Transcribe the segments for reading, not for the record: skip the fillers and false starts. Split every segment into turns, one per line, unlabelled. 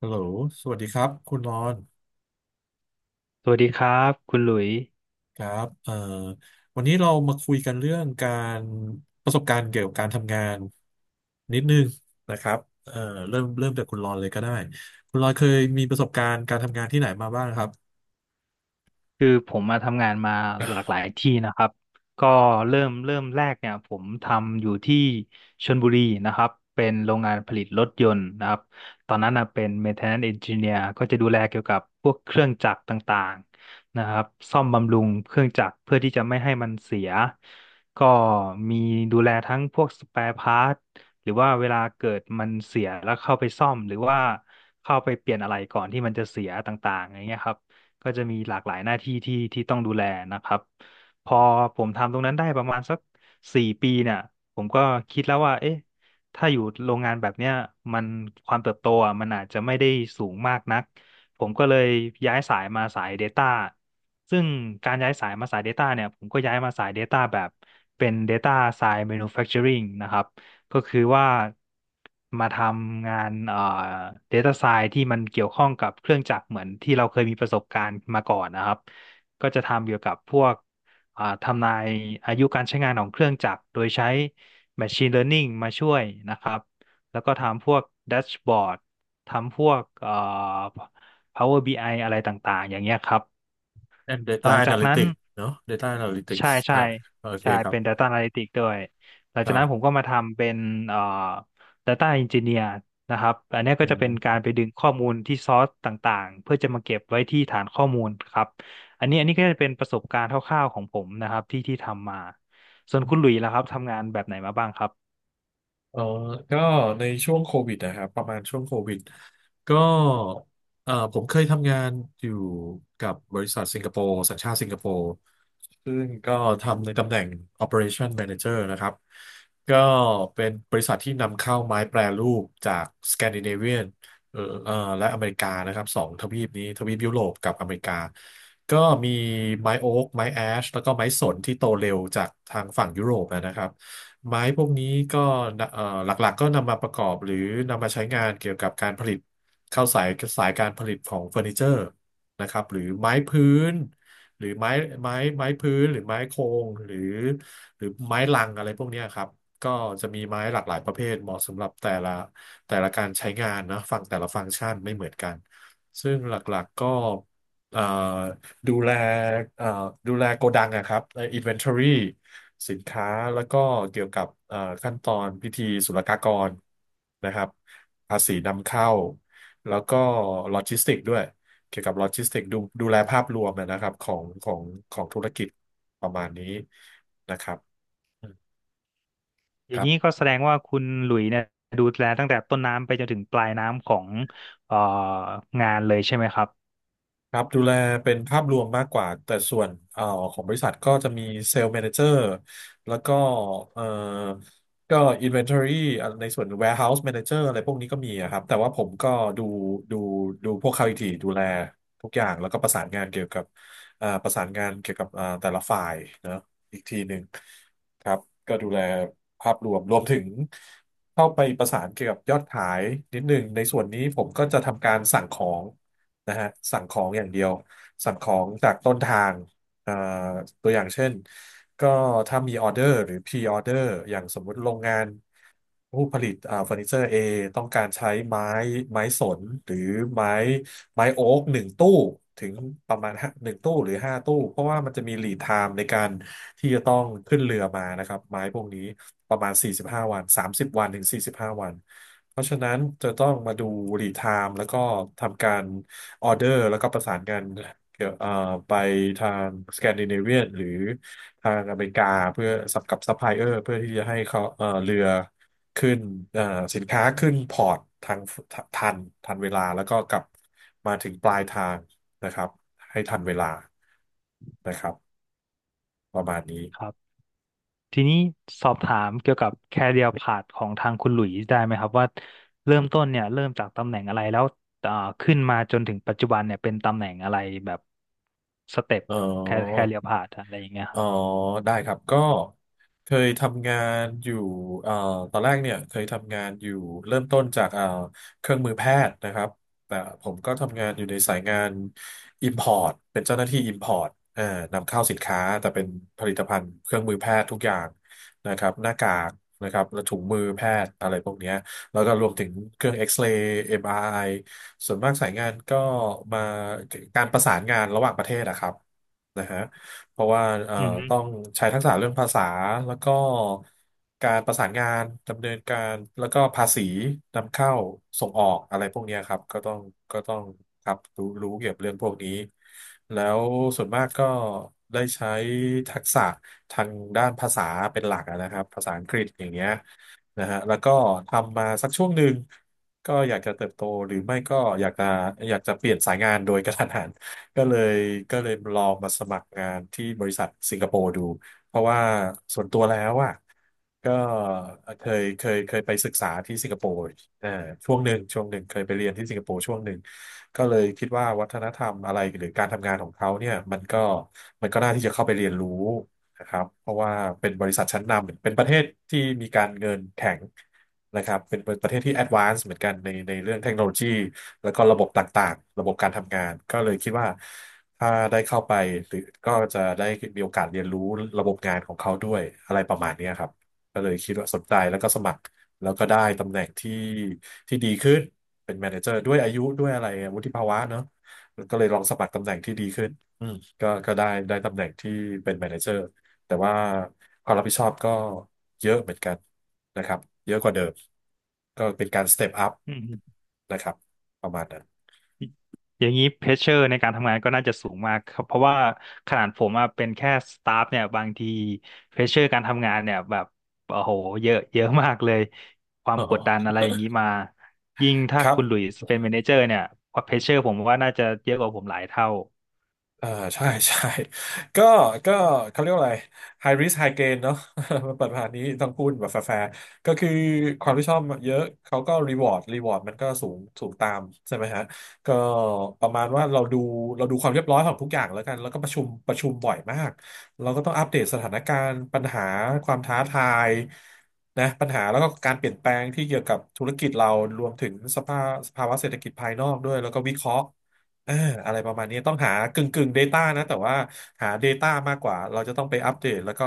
ฮัลโหลสวัสดีครับ คุณรอน
สวัสดีครับคุณหลุยส์
ครับวันนี้เรามาคุยกันเรื่องการประสบการณ์เกี่ยวกับการทำงานนิดนึงนะครับเอ่อเริ่มจากคุณรอนเลยก็ได้ คุณรอนเคยมีประสบการณ์การทำงานที่ไหนมาบ้างครับ
คือผมมาทำงานมาหลากหลายที่นะครับก็เริ่มแรกเนี่ยผมทำอยู่ที่ชลบุรีนะครับเป็นโรงงานผลิตรถยนต์นะครับตอนนั้นนะเป็น maintenance engineer ก็จะดูแลเกี่ยวกับพวกเครื่องจักรต่างๆนะครับซ่อมบำรุงเครื่องจักรเพื่อที่จะไม่ให้มันเสียก็มีดูแลทั้งพวกส p ปร e พาร์ทหรือว่าเวลาเกิดมันเสียแล้วเข้าไปซ่อมหรือว่าเข้าไปเปลี่ยนอะไรก่อนที่มันจะเสียต่างๆอย่างเงี้ยครับ ก็จะมีหลากหลายหน้าที่ที่ต้องดูแลนะครับพอผมทำตรงนั้นได้ประมาณสักสี่ปีเนี่ยผมก็คิดแล้วว่าเอ๊ะถ้าอยู่โรงงานแบบเนี้ยมันความเติบโตอ่ะมันอาจจะไม่ได้สูงมากนักผมก็เลยย้ายสายมาสาย Data ซึ่งการย้ายสายมาสาย Data เนี่ยผมก็ย้ายมาสาย Data แบบเป็น Data Science Manufacturing นะครับ ก็คือว่ามาทำงานdata science ที่มันเกี่ยวข้องกับเครื่องจักรเหมือนที่เราเคยมีประสบการณ์มาก่อนนะครับก็จะทำเกี่ยวกับพวกทำนายอายุการใช้งานของเครื่องจักรโดยใช้ machine learning มาช่วยนะครับแล้วก็ทำพวกแดชบอร์ดทำพวกPower BI ออะไรต่างๆอย่างเงี้ยครับ
and data
หลังจากนั้น
analytics เนอะ data
ใช่
analytics
ใช่
ถ้าโอเค
ใช่
ครั
เป็น
บ
Data Analytics ด้วยหลัง
ค
จา
รั
กนั้นผม
บ
ก็มาทำเป็นเอ่อ Data Engineer นะครับอันเนี้ยก็
อื
จะเป็นกา
ม
รไปดึงข้อมูลที่ซอสต่างๆเพื่อจะมาเก็บไว้ที่ฐานข้อมูลครับอันนี้ก็จะเป็นประสบการณ์คร่าวๆของผมนะครับที่ทำมาส่วนคุณหลุยส์ล่ะครับทำงานแบบไหนมาบ้างครับ
เออก็ในช่วงโควิดนะครับ ประมาณช่วงโควิด ก็เออผมเคยทำงานอยู่กับบริษัทสิงคโปร์สัญชาติสิงคโปร์ ซึ่งก็ทำในตำแหน่ง Operation Manager นะครับ ก็เป็นบริษัทที่นำเข้าไม้แปรรูปจากสแกนดิเนเวียนเออและอเมริกานะครับ สองทวีปนี้ทวีปยุโรปกับอเมริกา ก็มีไม้โอ๊กไม้แอชแล้วก็ไม้สนที่โตเร็วจากทางฝั่งยุโรปนะครับ ไม้พวกนี้ก็หลักๆก็นำมาประกอบหรือนำมาใช้งานเกี่ยวกับการผลิตเข้าสายสายการผลิตของเฟอร์นิเจอร์นะครับหรือไม้พื้นหรือไม้ไม้พื้นหรือไม้โครงหรือหรือไม้ลังอะไรพวกเนี้ยครับก็จะมีไม้หลากหลายประเภทเหมาะสำหรับแต่ละการใช้งานนะฟังแต่ละฟังก์ชันไม่เหมือนกันซึ่งหลักๆก็เอ่อ ดูแลเอ่อดูแลโกดังอะครับใน inventory สินค้า แล้วก็เกี่ยวกับขั้นตอนพิธีศุลกากรนะครับภาษีนำเข้า แล้วก็โลจิสติกด้วย เกี่ยวกับโลจิสติกดูแลภาพรวมนะครับของของธุรกิจประมาณนี้นะครับอืม
อ
ค
ย่าง
รั
นี้ก็
บ
แสดงว่าคุณหลุยส์เนี่ยดูแลตั้งแต่ต้นน้ำไปจนถึงปลายน้ำของเอ่องานเลยใช่ไหมครั
ครับดูแลเป็นภาพรวมมากกว่าแต่ส่วนของบริษัทก็จะมีเซลล์แมเนเจอร์แล้วก็เอ่อก็ Inventory อ่ะในส่วน Warehouse Manager อะไรพวกนี้ก็มีอะครับแต่ว่าผมก็ดูดูดูพวกเขาอีกทีดูแลทุกอย่างแล้วก็ประสานงานเกี่ยวกับประสานงานเกี่ยวกับแต่ละฝ่ายเนอะอีกทีหนึ่งครับก็ดูแลภาพรวมรวมถึงเข้าไปประสานเกี่ยวกับยอดขายนิดหนึ่งในส่วนนี้ผมก็จะทำการสั่งของ นะฮะสั่งของอย่างเดียวสั่งของจากต้นทางเอ่อตัวอย่างเช่นก็ถ้ามีออเดอร์หรือพรีออเดอร์อย่างสมมุติโรงงานผู้ผลิตเฟอร์นิเจอร์ A ต้องการใช้ไม้ไม้สนหรือไม้ไม้โอ๊กหนึ่งตู้ถึงประมาณห้าหนึ่งตู้หรือห้าตู้เพราะว่ามันจะมีลีดไทม์ในการที่จะต้องขึ้นเรือมานะครับไม้พวกนี้ประมาณ45วัน30วันถึง45วันเพราะฉะนั้นจะต้องมาดูรีไทม์แล้วก็ทำการ ออเดอร์แล้วก็ประสานกันเกี่ยวไปทางสแกนดิเนเวียนหรือทางอเมริกาเพื่อสับกับซัพพลายเออร์เพื่อที่จะให้เขาเรือขึ้นเอ่อสินค้าขึ้นพอร์ตทางทันทันเวลาแล้วก็กลับมาถึงปลายทางนะครับให้ทันเวลานะครับประมาณนี้
บ ทีนี้สอบถามเกี่ยวกับ career path ของทางคุณหลุยส์ได้ไหมครับว่าเริ่มต้นเนี่ยเริ่มจากตำแหน่งอะไรแล้วเอ่อขึ้นมาจนถึงปัจจุบันเนี่ยเป็นตำแหน่งอะไรแบบสเต็ป
อ๋อ
career path อะไรอย่างเงี้ยค
อ๋อ
รับ
ได้ครับก็เคยทำงานอยู่เอ่อตอนแรกเนี่ยเคยทำงานอยู่เริ่มต้นจากเครื่องมือแพทย์นะครับแต่ผมก็ทำงานอยู่ในสายงาน Import เป็นเจ้าหน้าที่ Import นำเข้าสินค้าแต่เป็นผลิตภัณฑ์เครื่องมือแพทย์ทุกอย่างนะครับหน้ากากนะครับและถุงมือแพทย์อะไรพวกเนี้ยแล้วก็รวมถึงเครื่องเอ็กซเรย์ MRI ส่วนมากสายงานก็มาการประสานงานระหว่างประเทศนะครับนะฮะ เพราะว่า
อืมฮึ
ต้องใช้ทักษะเรื่องภาษาแล้วก็การประสานงานดำเนินการแล้วก็ภาษีนำเข้าส่งออกอะไรพวกเนี้ยครับก็ต้องครับรู้เกี่ยวกับเรื่องพวกนี้แล้วส่วนมากก็ได้ใช้ทักษะทางด้านภาษาเป็นหลักอะนะครับภาษาอังกฤษอย่างเงี้ยนะฮะแล้วก็ทำมาสักช่วงหนึ่งก็อยากจะเติบโตหรือไม่ก็อยากจะอยากจะเปลี่ยนสายงานโดยกระทันหัน ก็เลยก็เลยลองมาสมัครงานที่บริษัทสิงคโปร์ดูเพราะว่าส่วนตัวแล้วอ่ะก็เคยไปศึกษาที่สิงคโปร์เอ่อช่วงหนึ่งเคยไปเรียนที่สิงคโปร์ช่วงหนึ่งก็เลยคิดว่าวัฒนธรรมอะไรหรือการทำงานของเขาเนี่ยมันก็น่าที่จะเข้าไปเรียนรู้ นะครับเพราะว่าเป็นบริษัทชั้นนำเป็นประเทศที่มีการเงินแข็งนะครับเป็นประเทศที่แอดวานซ์เหมือนกันในเรื่องเทคโนโลยีแล้วก็ระบบต่างๆระบบการทำงานก็เลยคิดว่าถ้าได้เข้าไปหรือก็จะได้มีโอกาสเรียนรู้ระบบงานของเขาด้วยอะไรประมาณเนี้ยครับก็เลยคิดว่าสนใจแล้วก็สมัครแล้วก็ได้ตำแหน่งที่ดีขึ้นเป็นแมเนเจอร์ด้วยอายุด้วยอะไรวุฒิภาวะเนาะก็เลยลองสมัครตำแหน่งที่ดีขึ้นอืมก็ได้ตำแหน่งที่เป็นแมเนเจอร์ แต่ว่าความรับผิดชอบก็เยอะเหมือนกันนะครับเยอะกว่าเดิมก็เป็นการสเต็ปอัพ
อืมฮึ
นะครับประมาณนั้น
อย่างนี้เพรสเชอร์ในการทำงานก็น่าจะสูงมากครับเพราะว่าขนาดผมอะเป็นแค่สตาฟเนี่ยบางทีเพรสเชอร์การทำงานเนี่ยแบบโอ้โหเยอะเยอะมากเลยความกดดันอะไรอย่างนี้มายิ่งถ้า
ครับ
คุณหลุยส์เป็น m ม n นเจอร์เนี่ยเพรสเชอร์ผมว่าน่าจะเยอะกว่าผมหลายเท่า
เออใช่ ใช่ ก็ก็เขาเรียกว่าอะไร high risk high gain เนอะ มันเปิดผ่านนี้ต้องพูดแบบแฟร์ๆก็คือความที่ชอบเยอะเขาก็ reward มันก็สูงตามใช่ไหมฮะก็ประมาณว่าเราดูความเรียบร้อยของทุกอย่างแล้วกันแล้วก็ประชุมบ่อยมากเราก็ต้องอัปเดตสถานการณ์ปัญหาความท้าทายนะปัญหาแล้วก็การเปลี่ยนแปลงที่เกี่ยวกับธุรกิจเรารวมถึงสภาวะเศรษฐกิจภายนอกด้วยแล้วก็วิเคราะห์ เออะไรประมาณนี้ต้องหากึ่ง Data นะแต่ว่าหา Data มากกว่าเราจะต้องไปอัปเดตแล้วก็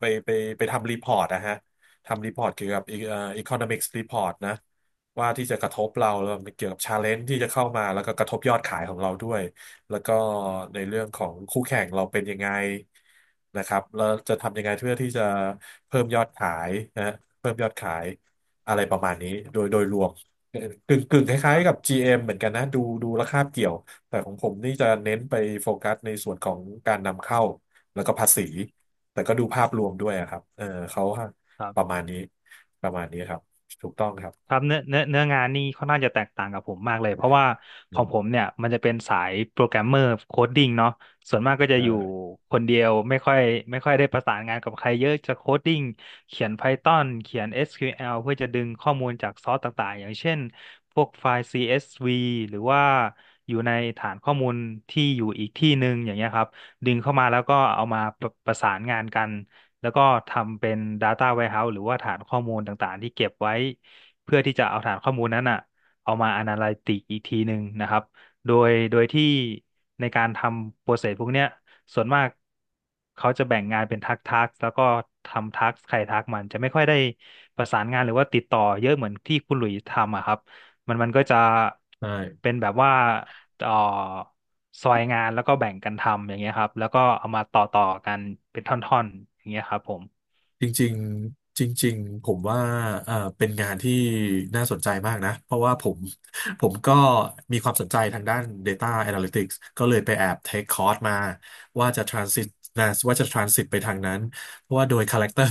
ไปไปไปทำรีพอร์ตนะฮะทำรีพอร์ตเกี่ยวกับeconomics report นะว่าที่จะกระทบเราแล้วมันเกี่ยวกับ challenge ที่จะเข้ามาแล้วก็กระทบยอดขายของเราด้วยแล้วก็ในเรื่องของคู่แข่งเราเป็นยังไงนะครับแล้วจะทำยังไงเพื่อที่จะเพิ่มยอดขายนะเพิ่มยอดขายอะไรประมาณนี้โดยรวมกึ่งคล้า
ค
ย
รั
ๆกับ
บ
GM เอ็มเหมือนกันนะดูแล้วคาบเกี่ยว แต่ของผมนี่จะเน้นไปโฟกัสในส่วนของการนำเข้าแล้วก็ภาษีแต่ก็ดูภาพรวมด้วยอะครับเออเขา
ครั
ประ
บ
มาณนี้ประมาณนี้ครับถูกต้องครับ
ครับเนื้องานนี่ค่อนข้างจะแตกต่างกับผมมากเลยเพราะว่าข
อื
องผม
ม
เนี่ยมันจะเป็นสายโปรแกรมเมอร์โคดดิ้งเนาะส่วนมากก็จะ
เอ
อยู่
อ
คนเดียวไม่ค่อยได้ประสานงานกับใครเยอะจะโคดดิ้งเขียน Python เขียน SQL เพื่อจะดึงข้อมูลจากซอสต่างๆอย่างเช่นพวกไฟล์ CSV หรือว่าอยู่ในฐานข้อมูลที่อยู่อีกที่หนึ่งอย่างเงี้ยครับดึงเข้ามาแล้วก็เอามาประประสานงานกัน แล้วก็ทำเป็น Data Warehouse หรือว่าฐานข้อมูลต่างๆที่เก็บไว้เพื่อที่จะเอาฐานข้อมูลนั้นอ่ะเอามา Analytic อีกทีหนึ่งนะครับโดยที่ในการทำโปรเซสพวกเนี้ยส่วนมากเขาจะแบ่งงานเป็นทักทักแล้วก็ทำทักใครทักมันจะไม่ค่อยได้ประสานงานหรือว่าติดต่อเยอะเหมือนที่คุณหลุยส์ทำอะครับมันก็จะ
ใช่
เป็นแบบว่า เอ่อซอยงานแล้วก็แบ่งกันทำอย่างเงี้ยครับแล้วก็เอามาต่อกันเป็นท่อนๆอย่างเงี้ยครับผม
จริงๆจริงๆผมว่าเป็นงานที่น่าสนใจมากนะเพราะว่าผม ผมก็มีความสนใจทางด้าน Data Analytics ก็เลยไปแอบเทคคอร์สมาว่าจะ transit นะว่าจะ transit ไปทางนั้นเพราะว่าโดย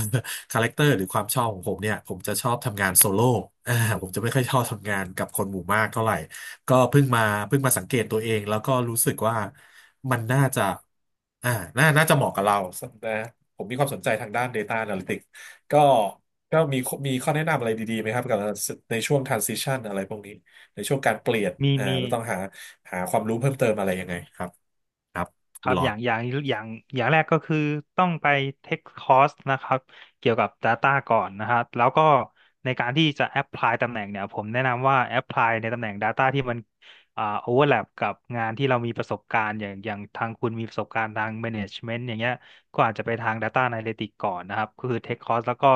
คาแรคเตอร์ หรือความชอบของผมเนี่ยผมจะชอบทำงานโซโล่อ่าผมจะไม่ค่อยชอบทำงานกับคนหมู่มากเท่าไหร่ ก็เพิ่งมาเพิ่งมาสังเกตตัวเองแล้วก็รู้สึกว่ามันน่าจะอ่าน่าจะเหมาะกับเรานะผมมีความสนใจทางด้าน Data Analytics ก็ก็มีข้อแนะนำอะไรดีๆไหมครับกับในช่วง transition อะไรพวกนี้ในช่วงการเปลี่ยน
มีมี
เราต้องหาหาความรู้เพิ่มเติมอะไรยังไงครับครับ
ค
คุณ
รับ
หลอด
อย่างแรกก็คือต้องไปเทคคอร์สนะครับเกี่ยวกับ Data ก่อนนะครับแล้วก็ในการที่จะ Apply ตำแหน่งเนี่ยผมแนะนำว่า Apply ในตำแหน่ง Data ที่มันoverlap กับงานที่เรามีประสบการณ์อย่างทางคุณมีประสบการณ์ทาง Management อย่างเงี้ยก็อาจจะไปทาง Data Analytics ก่อนนะครับก็คือเทคคอร์สแล้วก็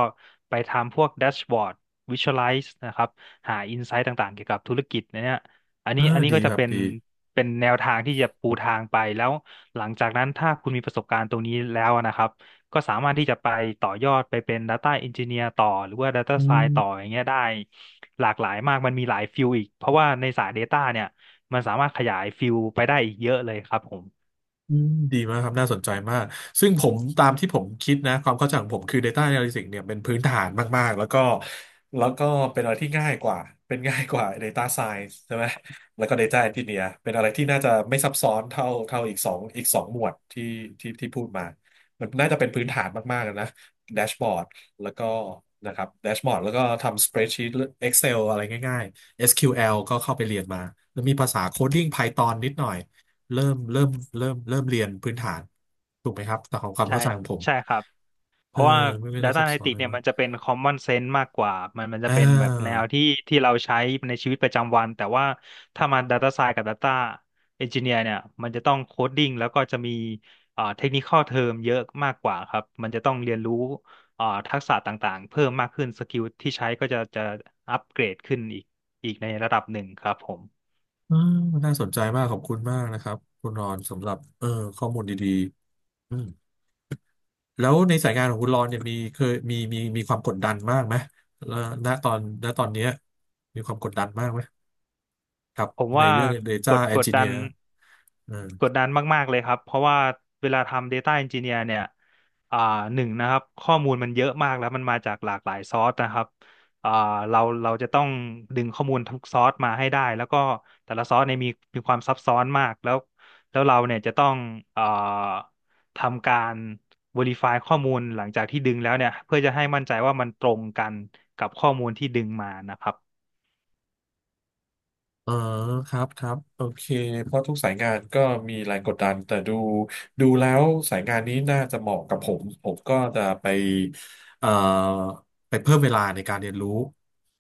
ไปทำพวก Dashboard Visualize นะครับหา Insight ต่างๆเกี่ยวกับธุรกิจเนี่ย อัน
เออ
นี้อันนี้
ดี
ก็
ค
จะ
รับดี
เป็นแนวทางที่จะปูทางไปแล้วหลังจากนั้นถ้าคุณมีประสบการณ์ตรงนี้แล้วนะครับก็สามารถที่จะไปต่อยอดไปเป็น Data Engineer ต่อหรือว่า Data
อื
Science ต่ออ
ม
ย่างเงี้ยได้หลากหลายมากมันมีหลายฟิลอีกเพราะว่าในสาย Data เนี่ยมันสามารถขยายฟิลไปได้อีกเยอะเลยครับผม
อืมดีมากครับน่าสนใจมากซึ่งผมตามที่ผมคิดนะความเข้าใจของผมคือ Data Analytics เนี่ยเป็นพื้นฐานมากๆแล้วก็เป็นอะไรที่ง่ายกว่าเป็นง่ายกว่า Data Science ใช่ไหมแล้วก็ Data Engineer เป็นอะไรที่น่าจะไม่ซับซ้อนเท่าอีกสองหมวดที่ที่พูดมามันน่าจะเป็นพื้นฐานมากๆนะแดชบอร์ดแล้วก็นะครับแดชบอร์ดแล้วก็ทำสเปรดชีต Excel อะไรง่ายๆ SQL ก็เข้าไปเรียนมาแล้วมีภาษาโคดดิ้ง Python นิดหน่อย เริ่มเริ่มเริ่มเรียนพื้นฐานถูกไหมครับแต่ของความ
ใช่
เข้าใจของผม
ใช่ครับ เพ
เออ
ราะว่า
ไม่ได้
Data
ซับซ้อนเล
Analytics
ย
เนี่ย
มา
มั
ก
นจะเป็น common sense มากกว่ามันจะ
อ่
เป็นแบบแนว
า
ที่ที่เราใช้ในชีวิตประจำวันแต่ว่าถ้ามา Data Science กับ Data Engineer เนี่ยมันจะต้อง coding แล้วก็จะมีtechnical term เยอะมากกว่าครับมันจะต้องเรียนรู้ทักษะต่างๆเพิ่มมากขึ้นสกิลที่ใช้ก็จะอัปเกรดขึ้นอีกในระดับหนึ่งครับผม
อ่าน่าสนใจมากขอบคุณมากนะครับคุณรอนสำหรับข้อมูลดีๆอืมแล้วในสายงานของคุณรอนเนี่ยเคยมีมีความกดดันมากไหมแล้วณตอนเนี้ยมีความกดดันมากไหมครับ
ผม
ใน
ว่า
เรื่อง Data
กด
Engineer เออ
กดดันมากๆเลยครับเพราะว่าเวลาทำ Data Engineer เนี่ยอ่าหนึ่งนะครับข้อมูลมันเยอะมากแล้วมันมาจากหลากหลายซอร์สนะครับอ่าเราจะต้องดึงข้อมูลทุกซอร์สมาให้ได้แล้วก็แต่ละซอร์สเนี่ยมีมีความซับซ้อนมากแล้วแล้วเราเนี่ยจะต้องอ่าทำการ Verify ข้อมูลหลังจากที่ดึงแล้วเนี่ยเพื่อจะให้มั่นใจว่ามันตรงกันกับข้อมูลที่ดึงมานะครับ
อ๋อครับครับโอเคเพราะทุกสายงานก็มีแรงกดดันแต่ดูแล้วสายงานนี้น่าจะเหมาะกับผมผมก็จะไปเอ่อไปเพิ่มเวลาในการเรียนรู้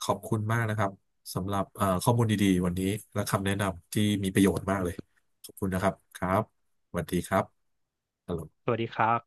ขอบคุณมากนะครับสำหรับข้อมูลดีๆวันนี้และคำแนะนำที่มีประโยชน์มากเลยขอบคุณนะครับครับสวัสดีครับ
สวัสดีครับ